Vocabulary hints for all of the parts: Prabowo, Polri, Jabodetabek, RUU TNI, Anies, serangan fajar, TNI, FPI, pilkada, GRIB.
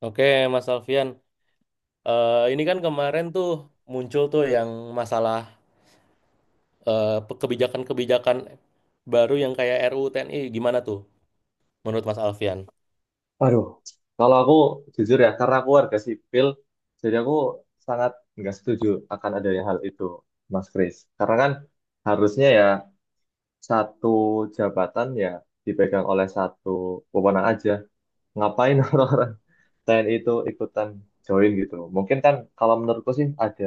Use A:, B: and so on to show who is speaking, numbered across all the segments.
A: Oke, Mas Alfian. Ini kan kemarin tuh muncul tuh yang masalah kebijakan-kebijakan baru yang kayak RUU TNI. Gimana tuh menurut Mas Alfian?
B: Aduh, kalau aku jujur ya, karena aku warga sipil, jadi aku sangat nggak setuju akan adanya hal itu, Mas Kris. Karena kan harusnya ya satu jabatan ya dipegang oleh satu pemenang aja. Ngapain orang-orang TNI itu ikutan join gitu? Mungkin kan kalau menurutku sih ada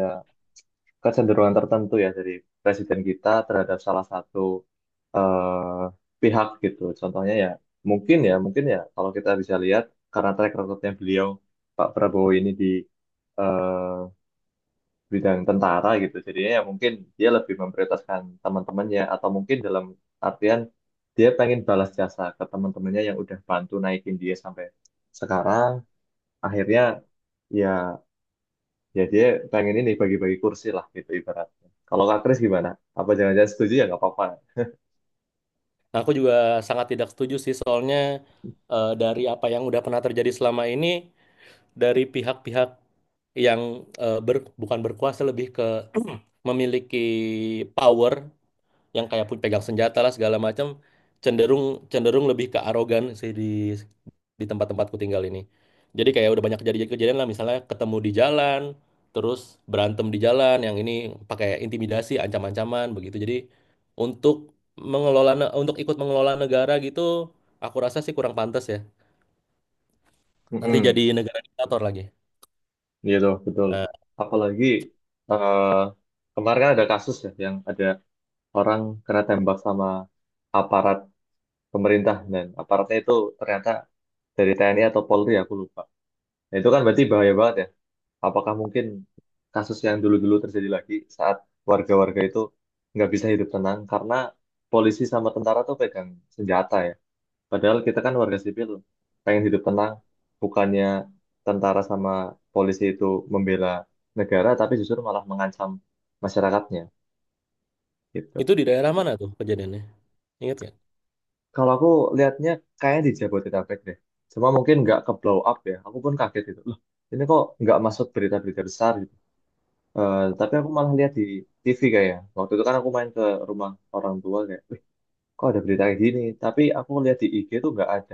B: kecenderungan tertentu ya dari presiden kita terhadap salah satu eh, pihak gitu. Contohnya ya mungkin ya kalau kita bisa lihat karena track recordnya beliau Pak Prabowo ini di eh, bidang tentara gitu. Jadinya ya mungkin dia lebih memprioritaskan teman-temannya atau mungkin dalam artian dia pengen balas jasa ke teman-temannya yang udah bantu naikin dia sampai sekarang. Akhirnya ya ya dia pengen ini bagi-bagi kursi lah gitu ibaratnya. Kalau Kak Kris gimana? Apa jangan-jangan setuju ya nggak apa-apa.
A: Nah, aku juga sangat tidak setuju sih soalnya dari apa yang udah pernah terjadi selama ini dari pihak-pihak yang bukan berkuasa lebih ke memiliki power yang kayak pun pegang senjata lah segala macam cenderung cenderung lebih ke arogan sih di tempat-tempatku tinggal ini. Jadi kayak udah banyak kejadian-kejadian lah misalnya ketemu di jalan, terus berantem di jalan, yang ini pakai intimidasi, ancam-ancaman begitu. Jadi untuk untuk ikut mengelola negara gitu, aku rasa sih kurang pantas ya. Nanti jadi
B: Mm-mm,
A: negara diktator lagi.
B: gitu, betul.
A: Nah,
B: Apalagi eh, kemarin kan ada kasus ya yang ada orang kena tembak sama aparat pemerintah dan aparatnya itu ternyata dari TNI atau Polri aku lupa. Nah, itu kan berarti bahaya banget ya. Apakah mungkin kasus yang dulu-dulu terjadi lagi saat warga-warga itu nggak bisa hidup tenang karena polisi sama tentara tuh pegang senjata ya. Padahal kita kan warga sipil, pengen hidup tenang, bukannya tentara sama polisi itu membela negara, tapi justru malah mengancam masyarakatnya, gitu.
A: itu di daerah mana tuh kejadiannya? Ingat nggak?
B: Kalau aku lihatnya kayaknya di Jabodetabek deh. Cuma mungkin nggak ke blow up ya, aku pun kaget gitu. Loh, ini kok nggak masuk berita-berita besar gitu. Eh, tapi aku malah lihat di TV kayaknya. Waktu itu kan aku main ke rumah orang tua kayak, wih, kok ada berita kayak gini? Tapi aku lihat di IG tuh nggak ada,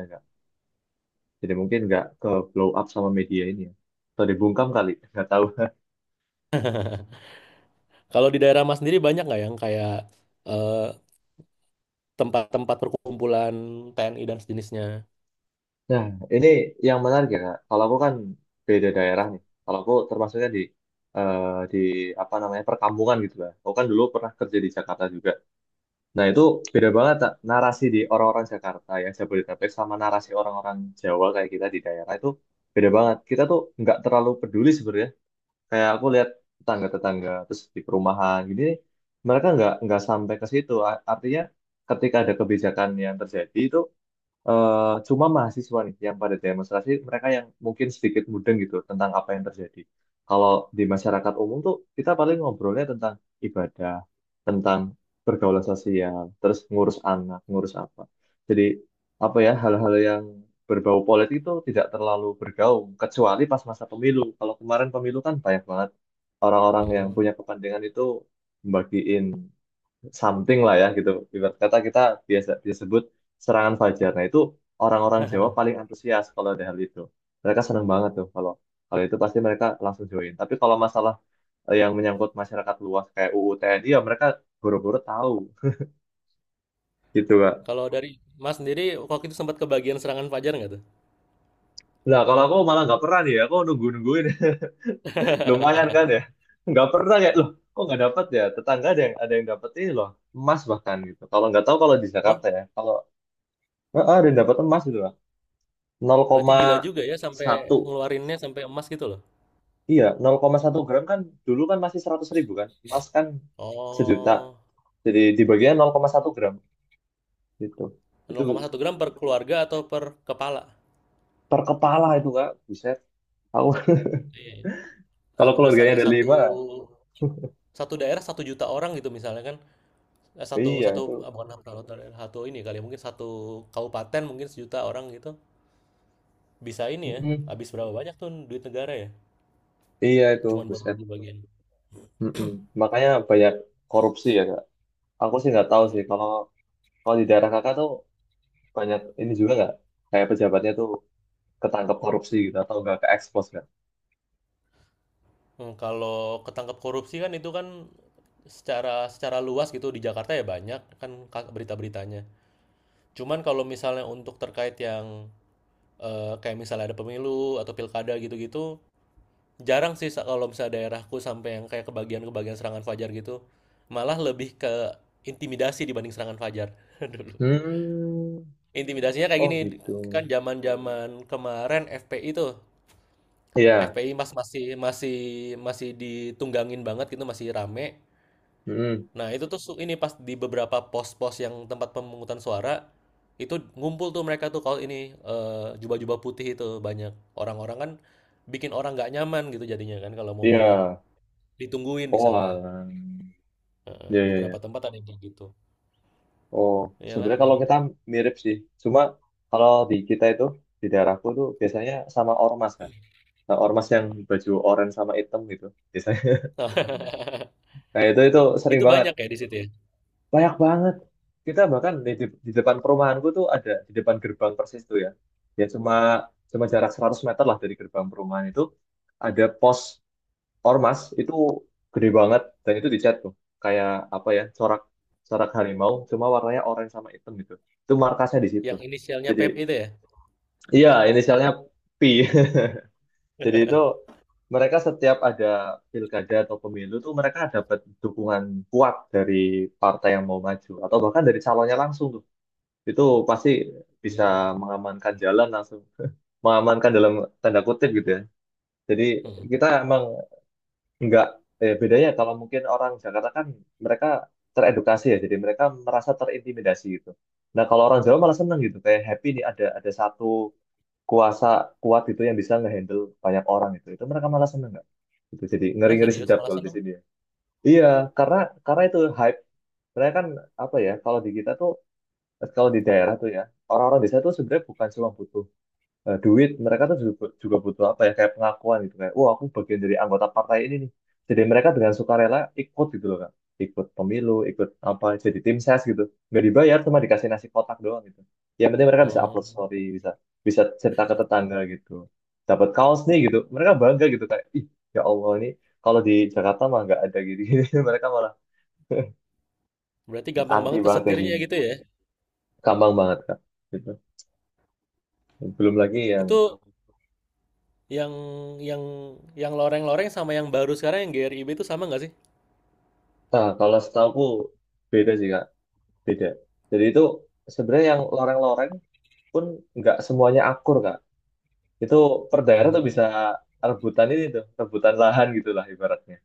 B: Jadi mungkin nggak ke blow up sama media ini ya. Atau dibungkam kali, nggak tahu.
A: Kalau di daerah Mas sendiri banyak nggak yang kayak eh, tempat-tempat perkumpulan TNI dan sejenisnya.
B: Nah, ini yang menarik ya, Kak. Kalau aku kan beda daerah nih. Kalau aku termasuknya di eh, di apa namanya perkampungan gitu lah. Aku kan dulu pernah kerja di Jakarta juga. Nah, itu beda banget Kak. Narasi di orang-orang Jakarta yang Jabodetabek sama narasi orang-orang Jawa kayak kita di daerah itu beda banget. Kita tuh nggak terlalu peduli sebenarnya kayak aku lihat tetangga-tetangga terus di perumahan gini mereka nggak sampai ke situ artinya ketika ada kebijakan yang terjadi itu eh cuma mahasiswa nih yang pada demonstrasi, mereka yang mungkin sedikit mudeng gitu tentang apa yang terjadi. Kalau di masyarakat umum tuh kita paling ngobrolnya tentang ibadah, tentang pergaulan sosial, terus ngurus anak, ngurus apa. Jadi apa ya hal-hal yang berbau politik itu tidak terlalu bergaung kecuali pas masa pemilu. Kalau kemarin pemilu kan banyak banget orang-orang yang
A: Hmm.
B: punya kepentingan itu membagiin something lah ya gitu. Ibarat kata kita biasa disebut serangan fajar. Nah itu orang-orang Jawa paling antusias kalau ada hal itu. Mereka seneng banget tuh kalau kalau itu pasti mereka langsung join. Tapi kalau masalah yang menyangkut masyarakat luas kayak UU TNI ya mereka buru-buru tahu gitu Kak.
A: Kalau dari Mas sendiri waktu itu sempat kebagian serangan fajar nggak tuh?
B: Nah kalau aku malah nggak pernah nih ya, aku nunggu-nungguin lumayan kan ya. Nggak pernah kayak loh kok nggak dapat ya tetangga ada yang dapat ini loh emas bahkan gitu. Kalau nggak tahu kalau di
A: Wah,
B: Jakarta ya kalau ada yang dapat emas gitu lah
A: berarti gila juga ya sampai
B: 0,1.
A: ngeluarinnya sampai emas gitu loh.
B: Iya, 0,1 gram kan dulu kan masih 100.000 kan. Emas kan sejuta.
A: Oh,
B: Jadi dibaginya 0,1 gram gitu. Itu
A: 0,1 gram per keluarga atau per kepala?
B: per kepala itu Kak. Buset. Tahu
A: Iya.
B: kalau
A: Kalau
B: keluarganya
A: misalnya
B: ada
A: satu
B: lima,
A: satu daerah satu juta orang gitu misalnya kan satu
B: iya
A: satu
B: itu.
A: ah, bukan satu daerah, satu ini kali ya, mungkin satu kabupaten mungkin sejuta orang gitu bisa ini ya
B: Mm-mm.
A: habis berapa banyak tuh duit negara ya
B: Iya itu,
A: cuman buat
B: buset.
A: bagi-bagian.
B: Mm-mm. Makanya banyak korupsi ya Kak. Aku sih nggak tahu
A: Mm.
B: sih kalau kalau di daerah Kakak tuh banyak ini juga nggak? Kayak pejabatnya tuh ketangkep korupsi gitu atau nggak ke expose kan?
A: Kalau ketangkep korupsi kan itu kan secara secara luas gitu di Jakarta ya banyak kan berita-beritanya. Cuman kalau misalnya untuk terkait yang kayak misalnya ada pemilu atau pilkada gitu-gitu, jarang sih kalau misalnya daerahku sampai yang kayak kebagian-kebagian serangan fajar gitu. Malah lebih ke intimidasi dibanding serangan fajar dulu.
B: Hmm.
A: Intimidasinya kayak
B: Oh
A: gini,
B: gitu.
A: kan zaman-zaman kemarin FPI tuh,
B: Iya.
A: FPI mas masih masih masih ditunggangin banget gitu, masih rame.
B: Mm-mm.
A: Nah, itu tuh ini pas di beberapa pos-pos yang tempat pemungutan suara itu ngumpul tuh mereka tuh kalau ini jubah-jubah putih itu banyak orang-orang kan bikin orang nggak nyaman gitu jadinya kan kalau mau milih
B: Iya.
A: ditungguin di
B: Oh,
A: sana.
B: alah.
A: Heeh,
B: Ya, ya,
A: beberapa
B: ya.
A: tempat ada yang kayak gitu.
B: Oh,
A: Iyalah
B: sebenarnya
A: emang.
B: kalau kita mirip sih. Cuma kalau di kita itu, di daerahku tuh biasanya sama ormas kan. Nah, ormas yang baju oranye sama hitam gitu. Biasanya. Nah, itu sering
A: Itu
B: banget.
A: banyak ya di situ ya.
B: Banyak banget. Kita bahkan di depan perumahanku tuh ada, di depan gerbang persis tuh ya. Ya cuma cuma jarak 100 meter lah dari gerbang perumahan itu. Ada pos ormas itu gede banget dan itu dicat tuh kayak apa ya corak corak harimau cuma warnanya orange sama hitam gitu itu markasnya di situ
A: Yang inisialnya
B: jadi
A: Pep itu ya.
B: iya inisialnya P. Jadi itu mereka setiap ada pilkada atau pemilu tuh mereka dapat dukungan kuat dari partai yang mau maju atau bahkan dari calonnya langsung tuh itu pasti bisa
A: Iya.
B: mengamankan jalan langsung mengamankan dalam tanda kutip gitu ya jadi
A: Heeh.
B: kita emang enggak, bedanya kalau mungkin orang Jakarta kan mereka teredukasi ya, jadi mereka merasa terintimidasi gitu. Nah kalau orang Jawa malah seneng gitu, kayak happy nih ada satu kuasa kuat gitu yang bisa ngehandle banyak orang itu. Itu mereka malah seneng nggak? Gitu. Jadi
A: Ah,
B: ngeri-ngeri
A: serius
B: sedap kalau
A: malasan
B: di
A: dong.
B: sini ya. Iya, karena karena itu hype. Mereka kan apa ya? Kalau di kita tuh, kalau di daerah tuh ya, orang-orang desa tuh sebenarnya bukan cuma butuh duit mereka tuh juga butuh apa ya kayak pengakuan gitu kayak wah aku bagian dari anggota partai ini nih jadi mereka dengan sukarela ikut gitu loh kan ikut pemilu ikut apa jadi tim ses gitu nggak dibayar cuma dikasih nasi kotak doang gitu yang penting mereka bisa
A: Oh,
B: upload story bisa bisa cerita ke tetangga gitu dapat kaos nih gitu mereka bangga gitu kayak ih ya Allah ini kalau di Jakarta mah nggak ada gini, gini. Mereka malah
A: berarti gampang
B: anti
A: banget
B: banget kayak
A: kesetirnya
B: gini
A: gitu ya.
B: gampang banget kak gitu belum lagi yang
A: Itu yang yang yang loreng-loreng sama yang baru sekarang yang GRIB itu sama nggak sih?
B: kalau setahu beda sih kak beda. Jadi itu sebenarnya yang loreng-loreng pun nggak semuanya akur kak. Itu per daerah tuh
A: Hmm.
B: bisa rebutan ini tuh, rebutan lahan gitulah ibaratnya.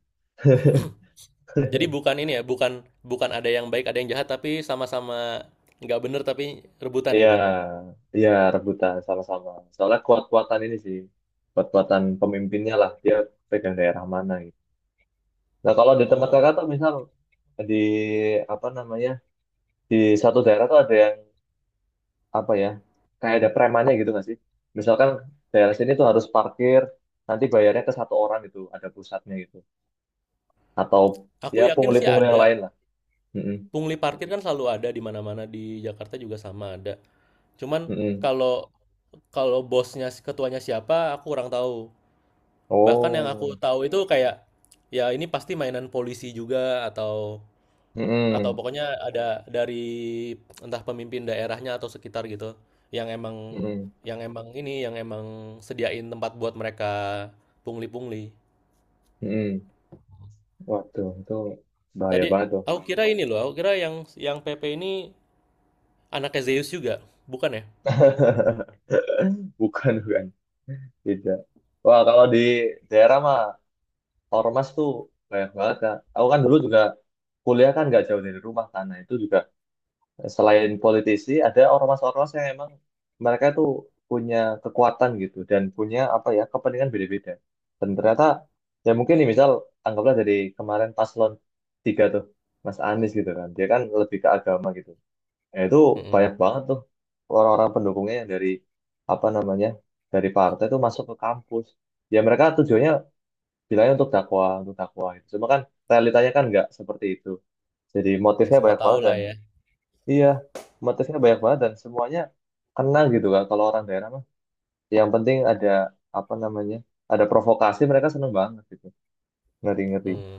A: Jadi bukan ini ya, bukan bukan ada yang baik, ada yang jahat, tapi sama-sama nggak bener tapi rebutan
B: Iya,
A: gitu.
B: iya rebutan sama-sama. Soalnya kuat-kuatan ini sih, kuat-kuatan pemimpinnya lah dia pegang daerah mana gitu. Nah kalau di tempat
A: Oh,
B: kakak tuh misal di apa namanya di satu daerah tuh ada yang apa ya kayak ada premannya gitu nggak sih? Misalkan daerah sini tuh harus parkir nanti bayarnya ke satu orang gitu, ada pusatnya gitu. Atau
A: aku
B: ya
A: yakin sih
B: pungli-pungli yang
A: ada.
B: lain lah. Mm-mm,
A: Pungli parkir kan selalu ada di mana-mana di Jakarta juga sama ada. Cuman
B: mm-mm.
A: kalau kalau bosnya ketuanya siapa, aku kurang tahu. Bahkan yang aku
B: Oh,
A: tahu itu kayak ya ini pasti mainan polisi juga atau Atau
B: mm-mm,
A: pokoknya ada dari entah pemimpin daerahnya atau sekitar gitu, yang emang
B: mm-mm,
A: yang emang ini, yang emang sediain tempat buat mereka pungli-pungli.
B: mm-mm. Waduh, itu bahaya
A: Tadi
B: banget tuh.
A: aku kira ini loh, aku kira yang PP ini anaknya Zeus juga, bukan ya?
B: Bukan, bukan. Tidak. Wah, kalau di daerah mah ormas tuh banyak banget, Kak. Aku kan dulu juga kuliah kan nggak jauh dari rumah, karena itu juga selain politisi ada ormas-ormas yang emang mereka tuh punya kekuatan gitu dan punya apa ya kepentingan beda-beda dan ternyata ya mungkin nih misal anggaplah dari kemarin paslon tiga tuh Mas Anies gitu kan dia kan lebih ke agama gitu ya itu
A: Mm-mm.
B: banyak banget tuh orang-orang pendukungnya yang dari apa namanya dari partai tuh masuk ke kampus ya mereka tujuannya bilangnya untuk dakwah gitu cuma kan realitanya kan nggak seperti itu jadi
A: Ya
B: motifnya
A: semua
B: banyak
A: tahu
B: banget
A: lah
B: dan
A: ya.
B: iya, motifnya banyak banget dan semuanya kena gitu kan. Kalau orang daerah mah, yang penting ada apa namanya, ada provokasi mereka seneng banget gitu. Ngeri-ngeri.
A: Hmm.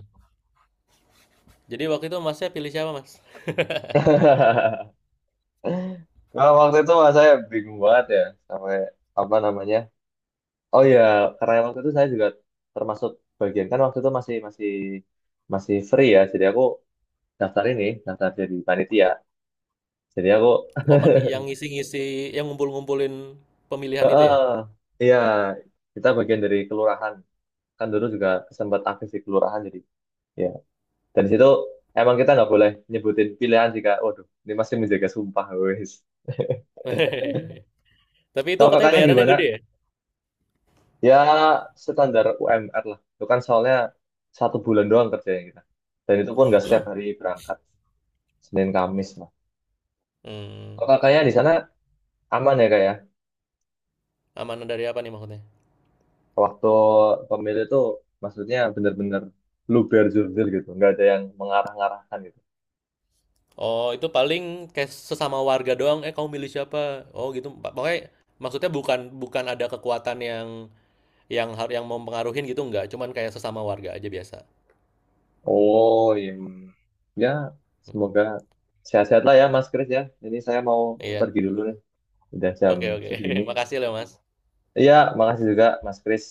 A: Jadi waktu itu masnya pilih siapa mas?
B: Kalau waktu itu mah saya bingung banget ya sampai apa namanya. Oh iya, karena waktu itu saya juga termasuk bagian kan waktu itu masih masih masih free ya. Jadi aku daftar ini, daftar jadi panitia. Jadi aku
A: Oh yang ngisi-ngisi, yang ngumpul-ngumpulin pemilihan itu ya?
B: iya kita bagian dari kelurahan. Kan dulu juga sempat aktif di kelurahan jadi ya. Dan situ emang kita nggak boleh nyebutin pilihan jika, waduh, ini masih menjaga sumpah, wes.
A: Tapi itu
B: Kalau
A: katanya
B: kakaknya
A: bayarannya
B: gimana?
A: gede ya?
B: Ya standar UMR lah. Itu kan soalnya 1 bulan doang kerjanya kita. Dan itu pun nggak setiap hari berangkat. Senin Kamis lah.
A: Hmm.
B: Kalau kakaknya di sana aman ya kak ya?
A: Amanah dari apa nih maksudnya?
B: Waktu pemilu itu maksudnya bener-bener luber jurdil gitu. Nggak ada yang mengarah-ngarahkan gitu.
A: Oh, itu paling kayak sesama warga doang, eh kamu milih siapa? Oh gitu. Pokoknya maksudnya bukan bukan ada kekuatan yang yang mau mempengaruhin gitu enggak, cuman kayak sesama warga aja biasa.
B: Oh iya, iya. Ya
A: Hmm,
B: semoga sehat-sehat lah ya Mas Kris ya. Ini saya mau
A: Iya.
B: pergi dulu nih. Udah jam
A: Oke, oke.
B: segini.
A: Makasih loh, Mas.
B: Iya, makasih juga Mas Kris.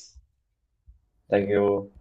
B: Thank
A: Iya.
B: you.